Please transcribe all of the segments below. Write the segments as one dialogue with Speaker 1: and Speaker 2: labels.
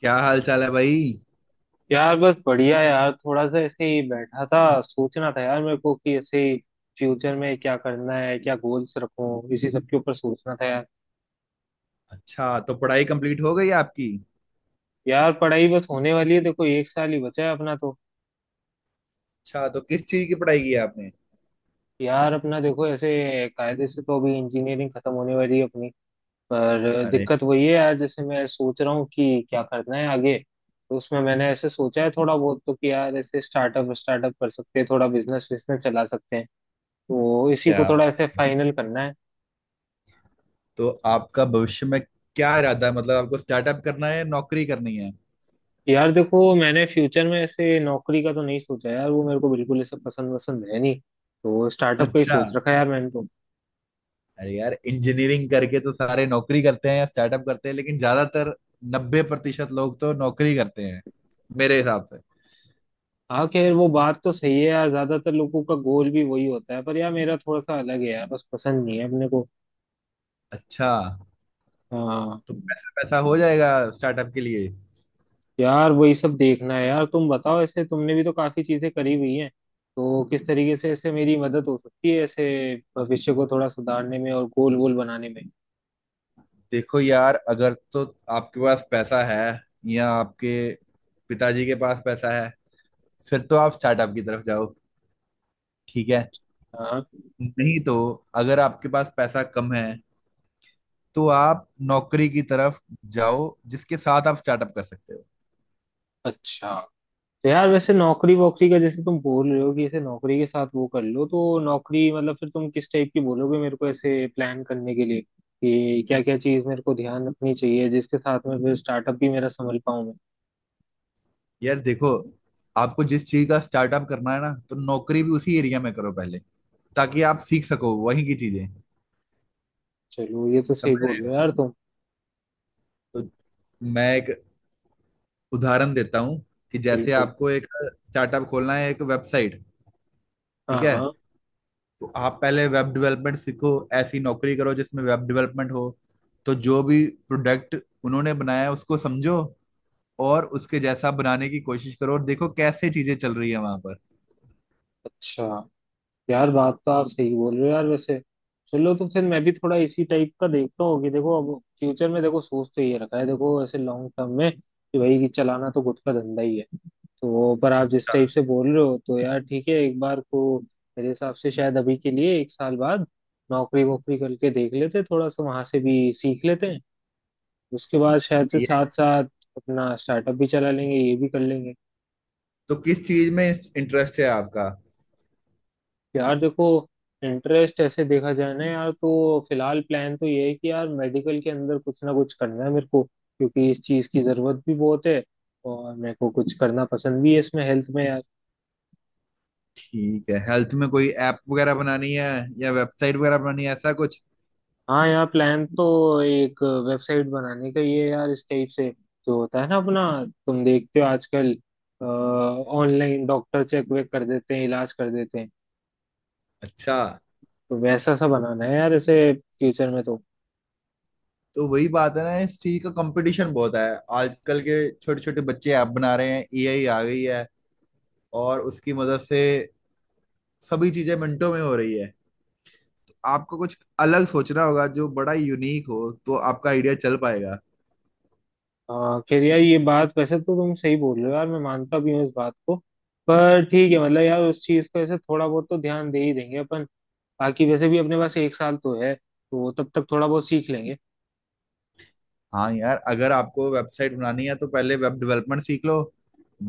Speaker 1: क्या हाल चाल है भाई।
Speaker 2: यार बस बढ़िया यार, थोड़ा सा ऐसे ही बैठा था। सोचना था यार मेरे को कि ऐसे फ्यूचर में क्या करना है, क्या गोल्स रखूं, इसी सब के ऊपर सोचना था यार।
Speaker 1: अच्छा, तो पढ़ाई कंप्लीट हो गई आपकी।
Speaker 2: यार पढ़ाई बस होने वाली है, देखो एक साल ही बचा है अपना तो।
Speaker 1: अच्छा, तो किस चीज की पढ़ाई की है आपने।
Speaker 2: यार अपना देखो, ऐसे कायदे से तो अभी इंजीनियरिंग खत्म होने वाली है अपनी। पर
Speaker 1: अरे।
Speaker 2: दिक्कत वही है यार, जैसे मैं सोच रहा हूँ कि क्या करना है आगे। तो उसमें मैंने ऐसे सोचा है थोड़ा बहुत, तो कि यार ऐसे स्टार्टअप स्टार्टअप कर सकते हैं, थोड़ा बिजनेस बिजनेस चला सकते हैं। तो इसी को
Speaker 1: क्या
Speaker 2: थोड़ा
Speaker 1: बात।
Speaker 2: ऐसे फाइनल करना है।
Speaker 1: तो आपका भविष्य में क्या इरादा है, मतलब आपको स्टार्टअप करना है या नौकरी करनी है।
Speaker 2: यार देखो, मैंने फ्यूचर में ऐसे नौकरी का तो नहीं सोचा यार, वो मेरे को बिल्कुल ऐसा पसंद वसंद है नहीं। तो स्टार्टअप का ही
Speaker 1: अच्छा।
Speaker 2: सोच रखा है यार मैंने तो।
Speaker 1: अरे यार, इंजीनियरिंग करके तो सारे नौकरी करते हैं या स्टार्टअप करते हैं, लेकिन ज्यादातर 90% लोग तो नौकरी करते हैं मेरे हिसाब से।
Speaker 2: हाँ, खैर वो बात तो सही है यार, ज्यादातर लोगों का गोल भी वही होता है, पर यार मेरा थोड़ा सा अलग है यार, बस पसंद नहीं है अपने को।
Speaker 1: अच्छा।
Speaker 2: हाँ।
Speaker 1: तो पैसा पैसा हो जाएगा स्टार्टअप के लिए।
Speaker 2: यार वही सब देखना है यार, तुम बताओ, ऐसे तुमने भी तो काफी चीजें करी हुई हैं। तो किस तरीके से ऐसे मेरी मदद हो सकती है ऐसे भविष्य को थोड़ा सुधारने में और गोल गोल बनाने में।
Speaker 1: देखो यार, अगर तो आपके पास पैसा है, या आपके पिताजी के पास पैसा है, फिर तो आप स्टार्टअप की तरफ जाओ। ठीक है।
Speaker 2: हाँ।
Speaker 1: नहीं तो अगर आपके पास पैसा कम है, तो आप नौकरी की तरफ जाओ, जिसके साथ आप स्टार्टअप कर सकते हो।
Speaker 2: अच्छा। तो यार वैसे नौकरी वोकरी का जैसे तुम बोल रहे हो कि इसे नौकरी के साथ वो कर लो, तो नौकरी मतलब फिर तुम किस टाइप की बोलोगे मेरे को ऐसे प्लान करने के लिए कि क्या क्या चीज मेरे को ध्यान रखनी चाहिए जिसके साथ में फिर स्टार्टअप भी मेरा संभल पाऊं मैं।
Speaker 1: यार देखो, आपको जिस चीज का स्टार्टअप करना है ना, तो नौकरी भी उसी एरिया में करो पहले, ताकि आप सीख सको वहीं की चीजें।
Speaker 2: चलो ये तो सही
Speaker 1: समझ
Speaker 2: बोल रहे
Speaker 1: रहे
Speaker 2: हो
Speaker 1: हो।
Speaker 2: यार तुम।
Speaker 1: तो मैं एक उदाहरण देता हूँ, कि जैसे
Speaker 2: बिल्कुल।
Speaker 1: आपको एक स्टार्टअप खोलना है, एक वेबसाइट। ठीक
Speaker 2: हाँ
Speaker 1: है।
Speaker 2: हाँ।
Speaker 1: तो आप पहले वेब डेवलपमेंट सीखो, ऐसी नौकरी करो जिसमें वेब डेवलपमेंट हो, तो जो भी प्रोडक्ट उन्होंने बनाया है, उसको समझो और उसके जैसा बनाने की कोशिश करो, और देखो कैसे चीजें चल रही है वहां पर।
Speaker 2: अच्छा। यार बात तो आप सही बोल रहे हो यार वैसे। चलो, तो फिर मैं भी थोड़ा इसी टाइप का देखता हूँ कि देखो अब फ्यूचर में, देखो सोच तो ये रखा है, देखो ऐसे लॉन्ग टर्म में कि भाई कि चलाना तो गुट का धंधा ही है। तो पर आप जिस
Speaker 1: अच्छा।
Speaker 2: टाइप से बोल रहे हो तो यार ठीक है एक बार को। मेरे हिसाब से शायद अभी के लिए एक साल बाद नौकरी वोकरी करके देख लेते, थोड़ा सा वहां से भी सीख लेते हैं। उसके बाद शायद से
Speaker 1: सही
Speaker 2: साथ
Speaker 1: है।
Speaker 2: साथ अपना स्टार्टअप भी चला लेंगे, ये भी कर लेंगे।
Speaker 1: तो किस चीज में इंटरेस्ट है आपका।
Speaker 2: यार देखो, इंटरेस्ट ऐसे देखा जाए ना यार, तो फिलहाल प्लान तो ये है कि यार मेडिकल के अंदर कुछ ना कुछ करना है मेरे को, क्योंकि इस चीज़ की ज़रूरत भी बहुत है। और मेरे को कुछ करना पसंद भी है इसमें, हेल्थ में।
Speaker 1: ठीक है, हेल्थ में कोई ऐप वगैरह बनानी है या वेबसाइट वगैरह बनानी है, ऐसा कुछ।
Speaker 2: हाँ यार प्लान तो एक वेबसाइट बनाने का ये है यार इस टाइप से। जो होता है ना अपना, तुम देखते हो आजकल, ऑनलाइन डॉक्टर चेक वेक कर देते हैं, इलाज कर देते हैं।
Speaker 1: अच्छा।
Speaker 2: तो वैसा सा बनाना है यार ऐसे फ्यूचर में तो।
Speaker 1: तो वही बात है ना, इस चीज का कंपटीशन बहुत है। आजकल के छोटे छोटे बच्चे ऐप बना रहे हैं, एआई आ गई है और उसकी मदद से सभी चीजें मिनटों में हो रही है। आपको कुछ अलग सोचना होगा, जो बड़ा यूनिक हो तो आपका आइडिया चल पाएगा।
Speaker 2: खैर यार ये बात वैसे तो तुम सही बोल रहे हो यार, मैं मानता भी हूँ इस बात को। पर ठीक है, मतलब यार उस चीज को ऐसे थोड़ा बहुत तो ध्यान दे ही देंगे अपन। बाकी वैसे भी अपने पास एक साल तो है, तो वो तब तक थोड़ा बहुत सीख लेंगे।
Speaker 1: हाँ यार, अगर आपको वेबसाइट बनानी है तो पहले वेब डेवलपमेंट सीख लो।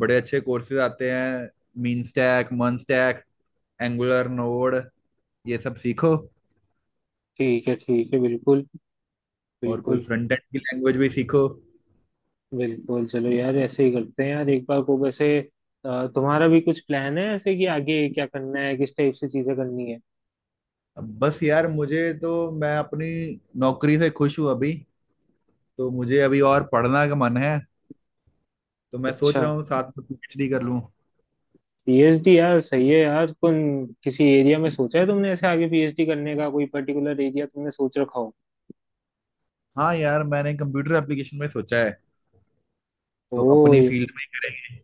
Speaker 1: बड़े अच्छे कोर्सेज आते हैं। मीन स्टैक, मन स्टैक, एंगुलर, नोड, ये सब सीखो।
Speaker 2: ठीक है, ठीक है, बिल्कुल,
Speaker 1: और कोई
Speaker 2: बिल्कुल।
Speaker 1: फ्रंट एंड की लैंग्वेज भी सीखो।
Speaker 2: बिल्कुल चलो यार, ऐसे ही करते हैं यार एक बार को वैसे। तुम्हारा भी कुछ प्लान है ऐसे कि आगे क्या करना है, किस टाइप से चीजें करनी है?
Speaker 1: अब बस यार, मुझे तो, मैं अपनी नौकरी से खुश हूँ अभी, तो मुझे अभी और पढ़ना का मन है। तो मैं सोच
Speaker 2: अच्छा।
Speaker 1: रहा हूँ साथ में पीएचडी कर लूँ।
Speaker 2: पीएचडी यार सही है यार। कौन, किसी एरिया में सोचा है तुमने ऐसे आगे पीएचडी करने का, कोई पर्टिकुलर एरिया तुमने सोच रखा हो?
Speaker 1: हाँ यार, मैंने कंप्यूटर एप्लीकेशन में सोचा है,
Speaker 2: ओ
Speaker 1: तो अपनी
Speaker 2: ये-।
Speaker 1: फील्ड में करेंगे।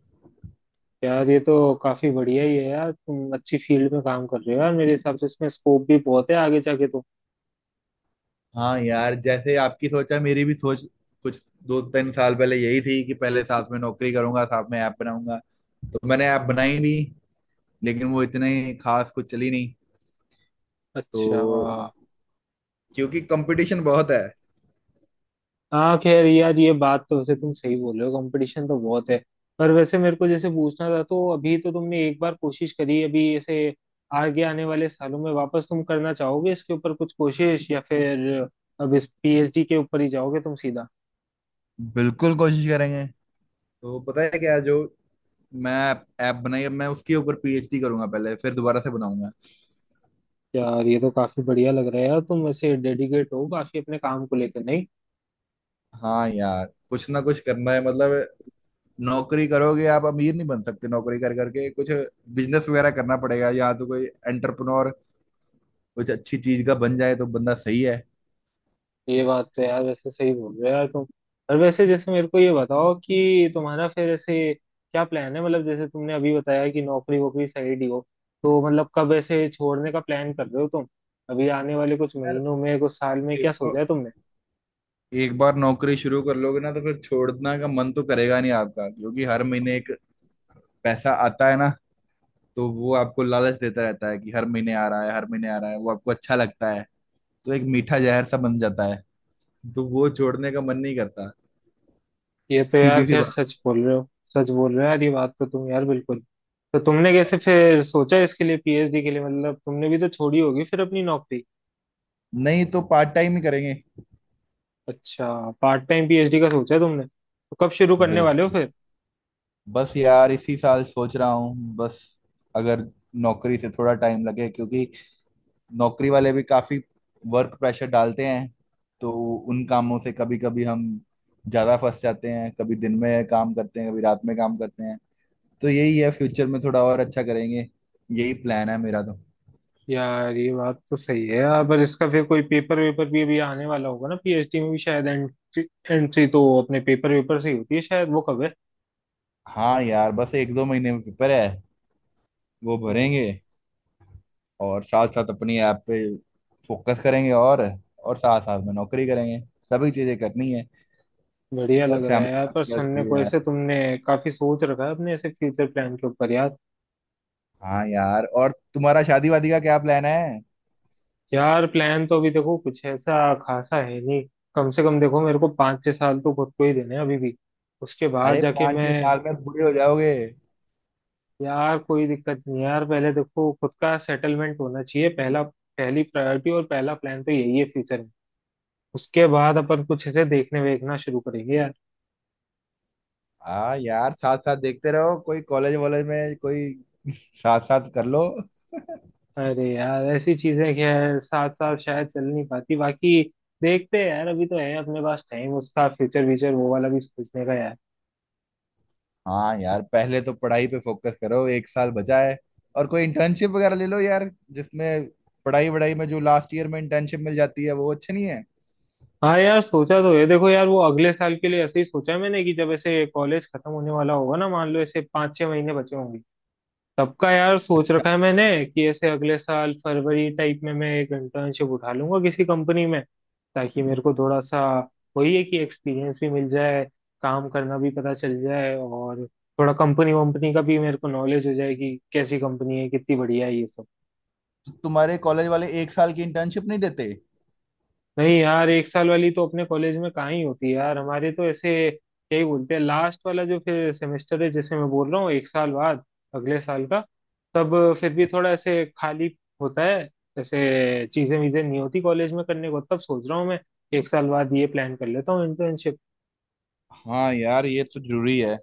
Speaker 2: यार ये तो काफी बढ़िया ही है यार, तुम अच्छी फील्ड में काम कर रहे हो यार, मेरे हिसाब से इसमें स्कोप भी बहुत है आगे जाके तो।
Speaker 1: हाँ यार, जैसे आपकी सोचा, मेरी भी सोच कुछ 2-3 साल पहले यही थी, कि पहले साथ में नौकरी करूंगा, साथ में ऐप बनाऊंगा। तो मैंने ऐप बनाई भी, लेकिन वो इतने खास कुछ चली नहीं।
Speaker 2: अच्छा।
Speaker 1: तो क्योंकि कंपटीशन बहुत है।
Speaker 2: हाँ खैर यार ये बात तो वैसे तुम सही बोल रहे हो, कंपटीशन तो बहुत है। पर वैसे मेरे को जैसे पूछना था तो अभी तो तुमने एक बार कोशिश करी अभी ऐसे, आगे आने वाले सालों में वापस तुम करना चाहोगे इसके ऊपर कुछ कोशिश, या फिर अब इस पीएचडी के ऊपर ही जाओगे तुम सीधा?
Speaker 1: बिल्कुल कोशिश करेंगे। तो पता है क्या, जो मैं ऐप बनाई, अब मैं उसके ऊपर पीएचडी करूंगा पहले, फिर दोबारा से बनाऊंगा।
Speaker 2: यार ये तो काफी बढ़िया लग रहा है यार, तुम वैसे डेडिकेट हो काफी अपने काम को लेकर, नहीं?
Speaker 1: हाँ यार, कुछ ना कुछ करना है, मतलब नौकरी करोगे, आप अमीर नहीं बन सकते नौकरी कर करके। कुछ बिजनेस वगैरह करना पड़ेगा, या तो कोई एंटरप्रेन्योर कुछ अच्छी चीज का बन जाए तो बंदा सही है।
Speaker 2: ये बात तो यार वैसे सही बोल रहे हो यार तुम। और वैसे जैसे मेरे को ये बताओ कि तुम्हारा फिर ऐसे क्या प्लान है, मतलब जैसे तुमने अभी बताया कि नौकरी वोकरी साइड ही हो, तो मतलब कब ऐसे छोड़ने का प्लान कर रहे हो तुम? अभी आने वाले कुछ
Speaker 1: यार
Speaker 2: महीनों में, कुछ साल में, क्या
Speaker 1: देखो,
Speaker 2: सोचा है तुमने?
Speaker 1: एक बार नौकरी शुरू कर लोगे ना, तो फिर छोड़ना का मन तो करेगा नहीं आपका, क्योंकि हर महीने एक पैसा आता है ना, तो वो आपको लालच देता रहता है, कि हर महीने आ रहा है, हर महीने आ रहा है, वो आपको अच्छा लगता है। तो एक मीठा जहर सा बन जाता है, तो वो छोड़ने का मन नहीं करता।
Speaker 2: ये तो यार
Speaker 1: सीधी सी
Speaker 2: खैर
Speaker 1: बात।
Speaker 2: सच बोल रहे हो। सच बोल रहे हो यार, ये बात तो तुम यार बिल्कुल। तो तुमने कैसे फिर सोचा इसके लिए, पीएचडी के लिए? मतलब तुमने भी तो छोड़ी होगी फिर अपनी नौकरी।
Speaker 1: नहीं तो पार्ट टाइम ही करेंगे।
Speaker 2: अच्छा। पार्ट टाइम पीएचडी का सोचा है तुमने, तो कब शुरू करने वाले हो
Speaker 1: बिल्कुल।
Speaker 2: फिर?
Speaker 1: बस यार, इसी साल सोच रहा हूँ बस, अगर नौकरी से थोड़ा टाइम लगे, क्योंकि नौकरी वाले भी काफी वर्क प्रेशर डालते हैं, तो उन कामों से कभी कभी हम ज्यादा फंस जाते हैं, कभी दिन में काम करते हैं, कभी रात में काम करते हैं। तो यही है, फ्यूचर में थोड़ा और अच्छा करेंगे, यही प्लान है मेरा तो।
Speaker 2: यार ये बात तो सही है यार, पर इसका फिर कोई पेपर वेपर भी अभी आने वाला होगा ना, पीएचडी में भी शायद एंट्री। एंट्री तो अपने पेपर वेपर से ही होती है शायद, वो कब है?
Speaker 1: हाँ यार, बस 1-2 महीने में पेपर है, वो
Speaker 2: यार
Speaker 1: भरेंगे, और साथ साथ अपनी ऐप पे फोकस करेंगे, और साथ साथ में नौकरी करेंगे। सभी चीजें करनी है।
Speaker 2: बढ़िया
Speaker 1: और
Speaker 2: लग रहा है यार पर
Speaker 1: फैमिली,
Speaker 2: सुनने
Speaker 1: चलिए
Speaker 2: को,
Speaker 1: यार।
Speaker 2: ऐसे तुमने काफी सोच रखा है अपने ऐसे फ्यूचर प्लान के ऊपर यार।
Speaker 1: हाँ यार, और तुम्हारा शादी वादी का क्या प्लान है।
Speaker 2: यार प्लान तो अभी देखो कुछ ऐसा खासा है नहीं। कम से कम देखो मेरे को 5-6 साल तो खुद को ही देने हैं अभी भी। उसके बाद
Speaker 1: अरे,
Speaker 2: जाके
Speaker 1: पाँच छह
Speaker 2: मैं।
Speaker 1: साल में बूढ़े हो जाओगे।
Speaker 2: यार कोई दिक्कत नहीं है यार, पहले देखो खुद का सेटलमेंट होना चाहिए, पहला, पहली प्रायोरिटी और पहला प्लान तो यही है फ्यूचर। उसके बाद अपन कुछ ऐसे देखने वेखना शुरू करेंगे यार।
Speaker 1: हाँ यार, साथ साथ देखते रहो, कोई कॉलेज वॉलेज में कोई साथ साथ कर लो।
Speaker 2: अरे यार ऐसी चीजें खैर साथ साथ शायद चल नहीं पाती, बाकी देखते हैं यार, अभी तो है अपने पास टाइम उसका, फ्यूचर व्यूचर वो वाला भी सोचने का यार।
Speaker 1: हाँ यार, पहले तो पढ़ाई पे फोकस करो, एक साल बचा है। और कोई इंटर्नशिप वगैरह ले लो यार, जिसमें पढ़ाई वढ़ाई में जो लास्ट ईयर में इंटर्नशिप मिल जाती है वो अच्छी नहीं है।
Speaker 2: हाँ यार सोचा तो है, देखो यार वो अगले साल के लिए ऐसे ही सोचा है मैंने कि जब ऐसे कॉलेज खत्म होने वाला होगा ना, मान लो ऐसे 5-6 महीने बचे होंगे सबका, यार सोच रखा है मैंने कि ऐसे अगले साल फरवरी टाइप में मैं एक इंटर्नशिप उठा लूंगा किसी कंपनी में, ताकि मेरे को थोड़ा सा, वही है कि एक्सपीरियंस भी मिल जाए, काम करना भी पता चल जाए और थोड़ा कंपनी वंपनी का भी मेरे को नॉलेज हो जाए कि कैसी कंपनी है, कितनी बढ़िया है, ये सब।
Speaker 1: तुम्हारे कॉलेज वाले एक साल की इंटर्नशिप नहीं देते।
Speaker 2: नहीं यार, एक साल वाली तो अपने कॉलेज में कहाँ ही होती है यार, हमारे तो ऐसे क्या ही बोलते हैं। लास्ट वाला जो फिर सेमेस्टर है जिसे मैं बोल रहा हूँ एक साल बाद, अगले साल का, तब फिर भी थोड़ा ऐसे खाली होता है, ऐसे चीजें वीजें नहीं होती कॉलेज में करने को, तब सोच रहा हूँ मैं एक साल बाद ये प्लान कर लेता हूँ इंटर्नशिप।
Speaker 1: हाँ यार, ये तो जरूरी है।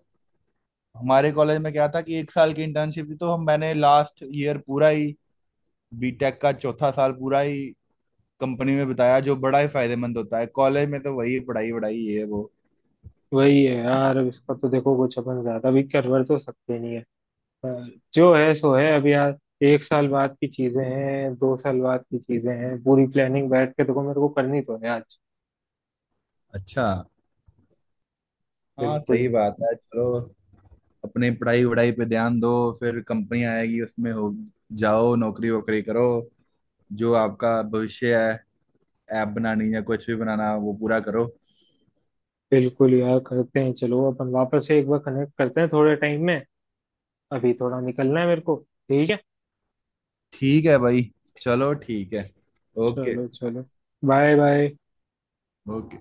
Speaker 1: हमारे कॉलेज में क्या था, कि एक साल की इंटर्नशिप थी, तो हम मैंने लास्ट ईयर पूरा ही, बीटेक का चौथा साल पूरा ही कंपनी में बिताया, जो बड़ा ही फायदेमंद होता है। कॉलेज में तो वही पढ़ाई वढ़ाई ये वो।
Speaker 2: वही है यार, अब इसका तो देखो कुछ अपन ज्यादा भी कर वर तो सकते नहीं है, पर जो है सो है अब यार। एक साल बाद की चीजें हैं, 2 साल बाद की चीजें हैं, पूरी प्लानिंग बैठ के देखो मेरे को करनी तो है आज।
Speaker 1: अच्छा। हाँ,
Speaker 2: बिल्कुल
Speaker 1: सही
Speaker 2: यार।
Speaker 1: बात है। चलो, अपनी पढ़ाई वढ़ाई पे ध्यान दो, फिर कंपनी आएगी, उसमें हो जाओ, नौकरी वोकरी करो, जो आपका भविष्य है, ऐप बनानी या कुछ भी बनाना, वो पूरा करो।
Speaker 2: बिल्कुल यार, करते हैं, चलो अपन वापस से एक बार कनेक्ट करते हैं थोड़े टाइम में, अभी थोड़ा निकलना है मेरे को। ठीक है।
Speaker 1: ठीक है भाई। चलो, ठीक है। ओके।
Speaker 2: चलो चलो, बाय बाय।
Speaker 1: ओके।